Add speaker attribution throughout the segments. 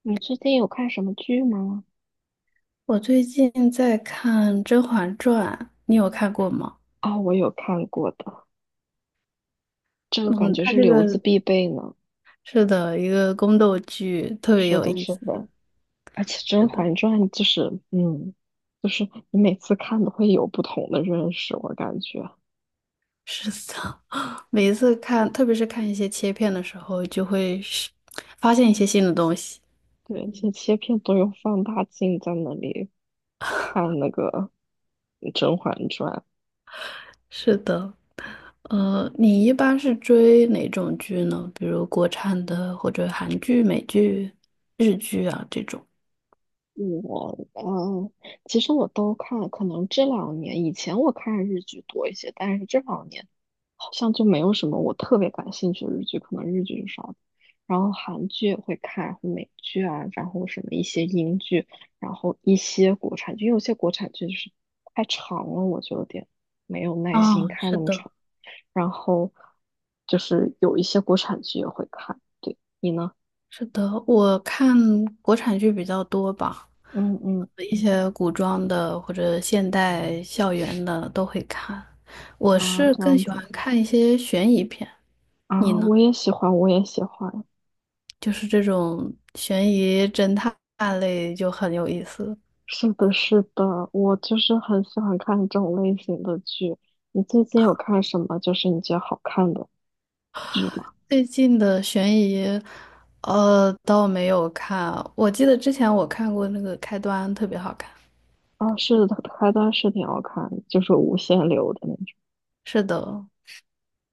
Speaker 1: 你最近有看什么剧吗？
Speaker 2: 我最近在看《甄嬛传》，你有看过吗？
Speaker 1: 啊、我有看过的，这个感
Speaker 2: 嗯，
Speaker 1: 觉
Speaker 2: 它
Speaker 1: 是
Speaker 2: 这
Speaker 1: 留子
Speaker 2: 个
Speaker 1: 必备呢。
Speaker 2: 是的一个宫斗剧，特别
Speaker 1: 是
Speaker 2: 有
Speaker 1: 的，
Speaker 2: 意
Speaker 1: 是
Speaker 2: 思。
Speaker 1: 的，而且
Speaker 2: 是
Speaker 1: 《甄
Speaker 2: 的，
Speaker 1: 嬛传》就是你每次看都会有不同的认识，我感觉。
Speaker 2: 是的，每一次看，特别是看一些切片的时候，就会是发现一些新的东西。
Speaker 1: 对，一些切片都用放大镜在那里看那个《甄嬛传》。
Speaker 2: 是的，你一般是追哪种剧呢？比如国产的，或者韩剧、美剧、日剧啊这种。
Speaker 1: 我嗯，其实我都看，可能这两年以前我看日剧多一些，但是这两年好像就没有什么我特别感兴趣的日剧，可能日剧就少。然后韩剧也会看，然后美剧啊，然后什么一些英剧，然后一些国产剧，因为有些国产剧就是太长了，我就有点没有耐心
Speaker 2: 哦，
Speaker 1: 看
Speaker 2: 是
Speaker 1: 那么
Speaker 2: 的。
Speaker 1: 长。然后就是有一些国产剧也会看，对，你呢？
Speaker 2: 是的，我看国产剧比较多吧，
Speaker 1: 嗯嗯
Speaker 2: 一些古装的或者现代校园的都会看。我
Speaker 1: 啊，
Speaker 2: 是
Speaker 1: 这
Speaker 2: 更
Speaker 1: 样
Speaker 2: 喜
Speaker 1: 子
Speaker 2: 欢看一些悬疑片，你
Speaker 1: 啊，
Speaker 2: 呢？
Speaker 1: 我也喜欢，我也喜欢。
Speaker 2: 就是这种悬疑侦探类就很有意思。
Speaker 1: 是的，是的，我就是很喜欢看这种类型的剧。你最近有看什么就是你觉得好看的剧吗？
Speaker 2: 最近的悬疑，倒没有看。我记得之前我看过那个开端，特别好看。
Speaker 1: 啊，是的，开端是挺好看的，就是无限流的那种。
Speaker 2: 是的，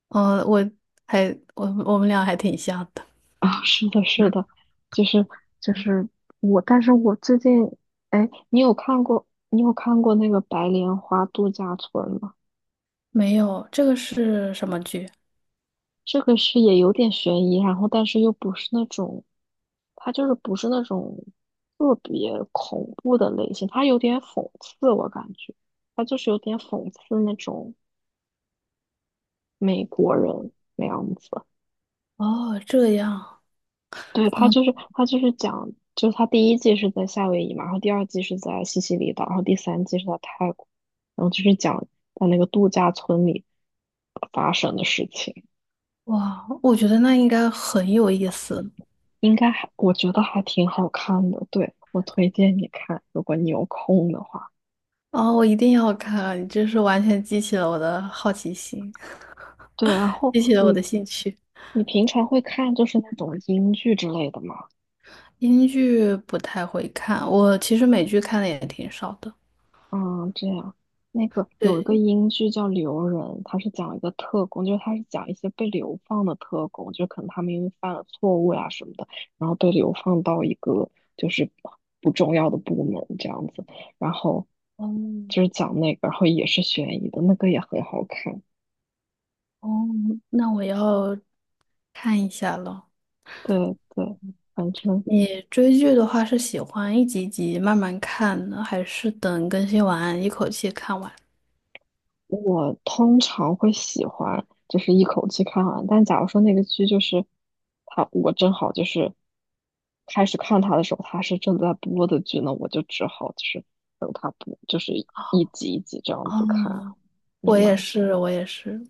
Speaker 2: 我还我们俩还挺像的。
Speaker 1: 啊，是的，是的，就是就是我，但是我最近，哎，你有看过那个《白莲花度假村》吗？
Speaker 2: 没有，这个是什么剧？
Speaker 1: 这个是也有点悬疑，然后但是又不是那种它就是不是那种特别恐怖的类型，它有点讽刺，我感觉它就是有点讽刺那种美国人那样子。
Speaker 2: 哦，这样，
Speaker 1: 对，它
Speaker 2: 嗯，
Speaker 1: 就是它就是讲，就是它第一季是在夏威夷嘛，然后第二季是在西西里岛，然后第三季是在泰国，然后就是讲在那个度假村里发生的事情，
Speaker 2: 哇，我觉得那应该很有意思。
Speaker 1: 应该还我觉得还挺好看的，对，我推荐你看，如果你有空的话。
Speaker 2: 哦，我一定要看，这是完全激起了我的好奇心，
Speaker 1: 对，然后
Speaker 2: 激起了我
Speaker 1: 你
Speaker 2: 的兴趣。
Speaker 1: 你平常会看就是那种英剧之类的吗？
Speaker 2: 英剧不太会看，我其实美剧看的也挺少的。
Speaker 1: 嗯，这样，那个有一个
Speaker 2: 对，
Speaker 1: 英剧叫《留人》，它是讲一个特工，就是它是讲一些被流放的特工，就可能他们因为犯了错误呀、什么的，然后被流放到一个就是不重要的部门这样子，然后
Speaker 2: 嗯，
Speaker 1: 就是讲那个，然后也是悬疑的，那个也很好看。
Speaker 2: 哦，那我要看一下了。
Speaker 1: 对对，反正。
Speaker 2: 你追剧的话，是喜欢一集一集慢慢看呢，还是等更新完一口气看完？
Speaker 1: 我通常会喜欢就是一口气看完，但假如说那个剧就是我正好就是开始看他的时候，他是正在播的剧呢，我就只好就是等他播，就是一集一集这样子看啊。
Speaker 2: 哦，
Speaker 1: 你
Speaker 2: 我也
Speaker 1: 呢？
Speaker 2: 是，我也是。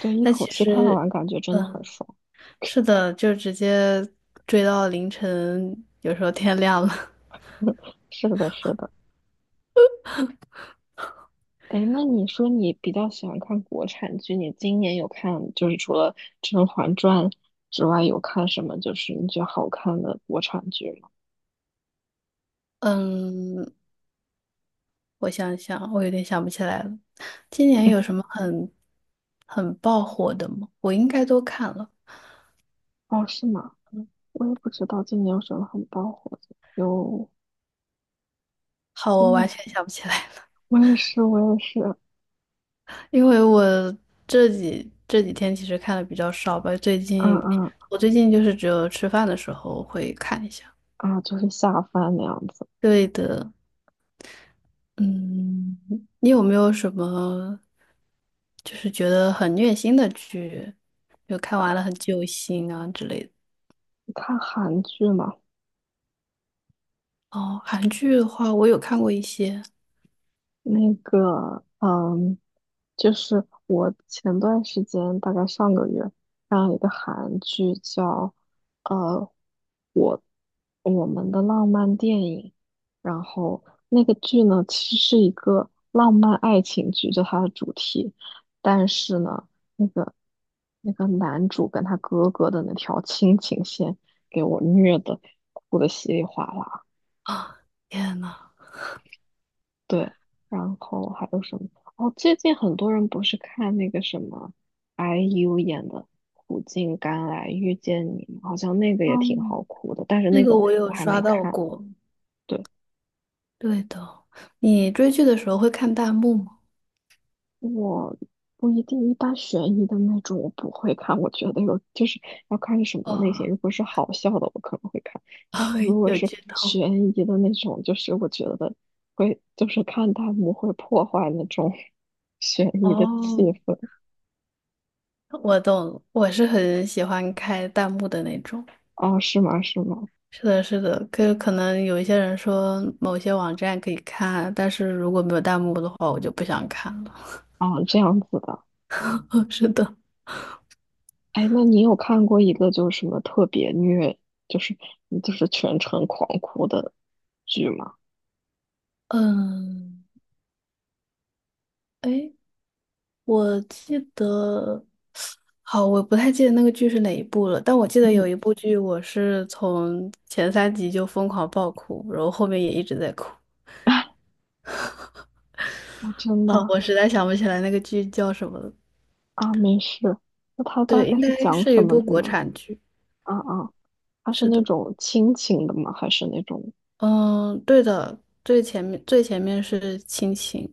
Speaker 1: 对，一
Speaker 2: 但
Speaker 1: 口
Speaker 2: 其
Speaker 1: 气看
Speaker 2: 实，
Speaker 1: 完感觉真的很
Speaker 2: 嗯，
Speaker 1: 爽。
Speaker 2: 是的，就直接追到凌晨，有时候天亮了。
Speaker 1: 是的，是的。哎，那你说你比较喜欢看国产剧，你今年有看就是除了《甄嬛传》之外，有看什么就是你觉得好看的国产剧吗？
Speaker 2: 嗯，我想想，我有点想不起来了。今年有什么很爆火的吗？我应该都看了。
Speaker 1: 哦，是吗？我也不知道今年有什么很爆火的。有
Speaker 2: 好，我
Speaker 1: 今
Speaker 2: 完
Speaker 1: 年，
Speaker 2: 全想不起来了，
Speaker 1: 我也是，我也是，
Speaker 2: 因为我这几天其实看的比较少吧。最
Speaker 1: 啊
Speaker 2: 近
Speaker 1: 啊
Speaker 2: 我最近就是只有吃饭的时候会看一下。
Speaker 1: 啊，就是下饭那样子。
Speaker 2: 对的，嗯，你有没有什么就是觉得很虐心的剧，就看完了很揪心啊之类的？
Speaker 1: 你看韩剧嘛，
Speaker 2: 哦，韩剧的话，我有看过一些
Speaker 1: 那个，嗯，就是我前段时间，大概上个月，看了一个韩剧叫呃，我我们的浪漫电影，然后那个剧呢，其实是一个浪漫爱情剧，就它的主题，但是呢，那个那个男主跟他哥哥的那条亲情线，给我虐的哭的稀里哗啦。
Speaker 2: 啊，天呐，
Speaker 1: 对，然后还有什么？哦，最近很多人不是看那个什么 IU 演的《苦尽甘来遇见你》吗，好像那个也挺好
Speaker 2: 嗯，
Speaker 1: 哭的，但是
Speaker 2: 那
Speaker 1: 那
Speaker 2: 个
Speaker 1: 个
Speaker 2: 我
Speaker 1: 我
Speaker 2: 有
Speaker 1: 还
Speaker 2: 刷
Speaker 1: 没
Speaker 2: 到
Speaker 1: 看。
Speaker 2: 过。
Speaker 1: 对，
Speaker 2: 对的，你追剧的时候会看弹幕吗？
Speaker 1: 我不一定，一般悬疑的那种我不会看，我觉得有就是要看是什么类型。
Speaker 2: 哦，
Speaker 1: 如果是好笑的，我可能会看，但是如 果
Speaker 2: 有
Speaker 1: 是
Speaker 2: 剧透。
Speaker 1: 悬疑的那种，就是我觉得会就是看弹幕会破坏那种 悬疑的气
Speaker 2: 哦，
Speaker 1: 氛。
Speaker 2: 我懂，我是很喜欢开弹幕的那种。
Speaker 1: 哦，是吗？是吗？
Speaker 2: 是的，是的，可能有一些人说某些网站可以看，但是如果没有弹幕的话，我就不想看了。
Speaker 1: 哦，这样子的。
Speaker 2: 是的，
Speaker 1: 哎，那你有看过一个就是什么特别虐，就是就是全程狂哭的剧吗？
Speaker 2: 嗯，哎，我记得，好，我不太记得那个剧是哪一部了，但我记 得有
Speaker 1: 嗯，
Speaker 2: 一部剧，我是从前三集就疯狂爆哭，然后后面也一直在哭。
Speaker 1: 哦，真
Speaker 2: 好，
Speaker 1: 的
Speaker 2: 我实在想不起来那个剧叫什么了。
Speaker 1: 啊，没事。那它大
Speaker 2: 对，
Speaker 1: 概
Speaker 2: 应该
Speaker 1: 是讲
Speaker 2: 是
Speaker 1: 什
Speaker 2: 一
Speaker 1: 么
Speaker 2: 部
Speaker 1: 的
Speaker 2: 国
Speaker 1: 呢？
Speaker 2: 产剧。
Speaker 1: 啊啊，它是
Speaker 2: 是
Speaker 1: 那
Speaker 2: 的，
Speaker 1: 种亲情的吗？还是那种
Speaker 2: 嗯，对的，最前面是亲情。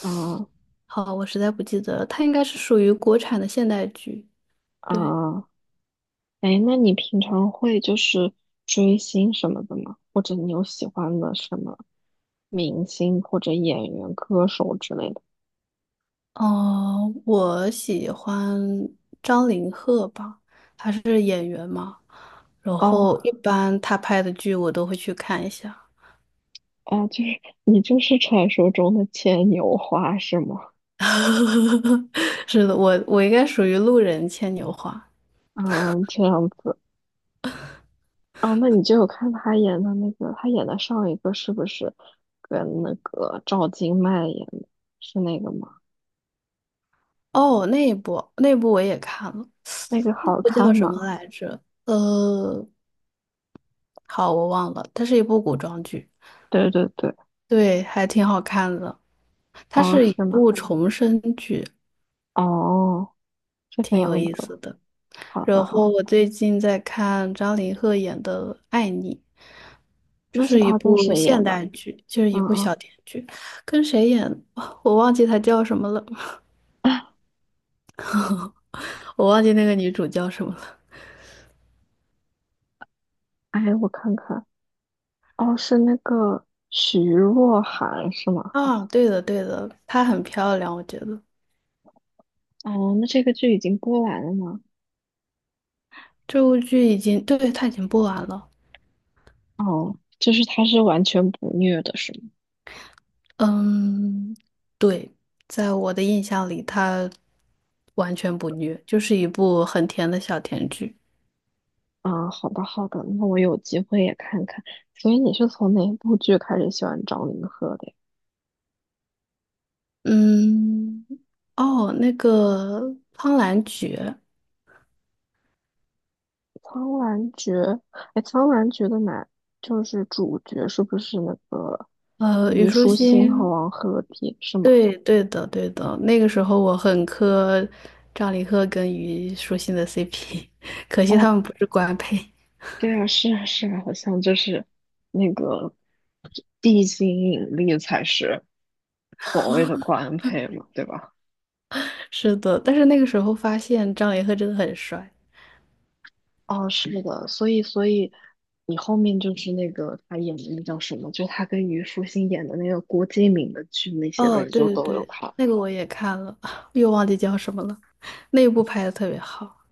Speaker 1: 啊
Speaker 2: 好，我实在不记得了，它应该是属于国产的现代剧。对，
Speaker 1: 啊？哎，那你平常会就是追星什么的吗？或者你有喜欢的什么明星或者演员、歌手之类的？
Speaker 2: 哦、我喜欢张凌赫吧，他是演员嘛，然
Speaker 1: 哦，
Speaker 2: 后一般他拍的剧我都会去看一下。
Speaker 1: 啊，就是你就是传说中的牵牛花是吗？
Speaker 2: 是的，我应该属于路人牵牛花。
Speaker 1: 嗯，这样子啊，那你就有看他演的那个，他演的上一个是不是跟那个赵今麦演的？是那个吗？
Speaker 2: 哦，那一部我也看了，
Speaker 1: 那个
Speaker 2: 那
Speaker 1: 好
Speaker 2: 部叫
Speaker 1: 看
Speaker 2: 什么
Speaker 1: 吗？
Speaker 2: 来着？好，我忘了，它是一部古装剧，
Speaker 1: 对对对，
Speaker 2: 对，还挺好看的。它
Speaker 1: 哦，
Speaker 2: 是一
Speaker 1: 是吗？
Speaker 2: 部重生剧，
Speaker 1: 哦，这个样子，好的
Speaker 2: 然
Speaker 1: 好
Speaker 2: 后
Speaker 1: 的，
Speaker 2: 我最近在看张凌赫演的《爱你》，就
Speaker 1: 那是
Speaker 2: 是一
Speaker 1: 他跟
Speaker 2: 部
Speaker 1: 谁
Speaker 2: 现
Speaker 1: 演的？
Speaker 2: 代剧，就是
Speaker 1: 嗯
Speaker 2: 一部
Speaker 1: 嗯，
Speaker 2: 小甜剧，跟谁演的 我忘记她叫什么了，我忘记那个女主叫什么了。
Speaker 1: 哎，我看看，哦，是那个徐若涵是吗？
Speaker 2: 啊，对的对的，她很漂亮，我觉得
Speaker 1: 哦，那这个剧已经播完了吗？
Speaker 2: 这部剧已经，对，她已经播完了。
Speaker 1: 哦，就是他是完全不虐的，是吗？
Speaker 2: 嗯，对，在我的印象里，她完全不虐，就是一部很甜的小甜剧。
Speaker 1: 啊，好的好的，那我有机会也看看。所以你是从哪部剧开始喜欢张凌赫的呀？
Speaker 2: 嗯，哦，那个《苍兰诀》。
Speaker 1: 《苍兰诀》哎，《苍兰诀》的男就是主角是不是那个
Speaker 2: 虞
Speaker 1: 虞
Speaker 2: 书
Speaker 1: 书欣
Speaker 2: 欣，
Speaker 1: 和王鹤棣是吗？
Speaker 2: 对的对的，那个时候我很磕张凌赫跟虞书欣的 CP，可惜
Speaker 1: 哦，
Speaker 2: 他们不是官配。
Speaker 1: 对啊，是啊是啊，好像就是那个地心引力才是所谓的官配嘛，对吧？
Speaker 2: 是的，但是那个时候发现张凌赫真的很帅。
Speaker 1: 哦，是的，所以你后面就是那个他演的那叫什么，就他跟虞书欣演的那个郭敬明的剧那些的，
Speaker 2: 哦，
Speaker 1: 你
Speaker 2: 对
Speaker 1: 就
Speaker 2: 对
Speaker 1: 都有
Speaker 2: 对，
Speaker 1: 看。
Speaker 2: 那个我也看了，又忘记叫什么了，那一部拍的特别好。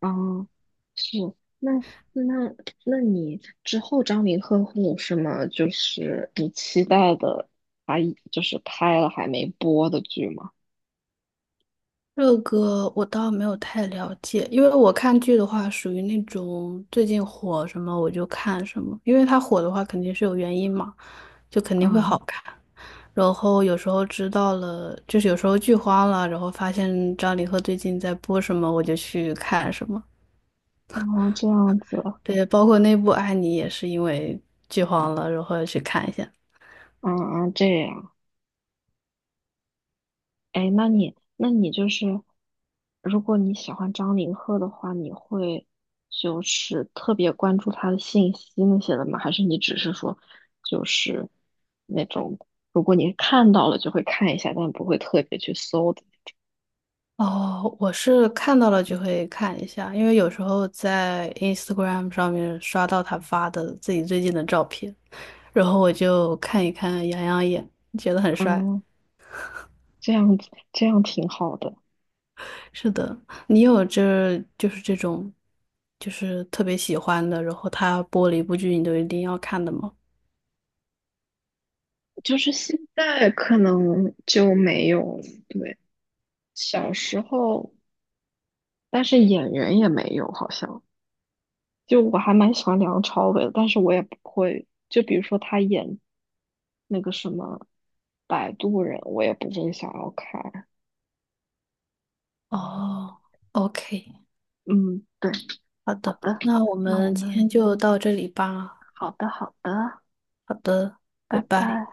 Speaker 1: 啊，是，那那那你之后张凌赫会有什么就是你期待的，他就是拍了还没播的剧吗？
Speaker 2: 这个我倒没有太了解，因为我看剧的话，属于那种最近火什么我就看什么，因为它火的话肯定是有原因嘛，就肯定会好
Speaker 1: 嗯，
Speaker 2: 看。然后有时候知道了，就是有时候剧荒了，然后发现张凌赫最近在播什么，我就去看什么。
Speaker 1: 哦，这样子，
Speaker 2: 对，包括那部《爱你》也是因为剧荒了，然后去看一下。
Speaker 1: 嗯嗯，这样。哎，那你就是，如果你喜欢张凌赫的话，你会就是特别关注他的信息那些的吗？还是你只是说，就是那种，如果你看到了就会看一下，但不会特别去搜的？
Speaker 2: 哦，我是看到了就会看一下，因为有时候在 Instagram 上面刷到他发的自己最近的照片，然后我就看一看，养养眼，觉得很帅。
Speaker 1: 嗯，这样子，这样挺好的。
Speaker 2: 是的，你有这就是这种，就是特别喜欢的，然后他播了一部剧，你都一定要看的吗？
Speaker 1: 就是现在可能就没有，对，小时候，但是演员也没有，好像。就我还蛮喜欢梁朝伟的，但是我也不会，就比如说他演那个什么《摆渡人》，我也不会想要看。
Speaker 2: 哦，OK，
Speaker 1: 嗯，对，
Speaker 2: 好
Speaker 1: 好
Speaker 2: 的，
Speaker 1: 的，
Speaker 2: 那我
Speaker 1: 那我
Speaker 2: 们今
Speaker 1: 们
Speaker 2: 天就到这里吧。
Speaker 1: 好的好的，
Speaker 2: 好的，拜
Speaker 1: 拜
Speaker 2: 拜。
Speaker 1: 拜。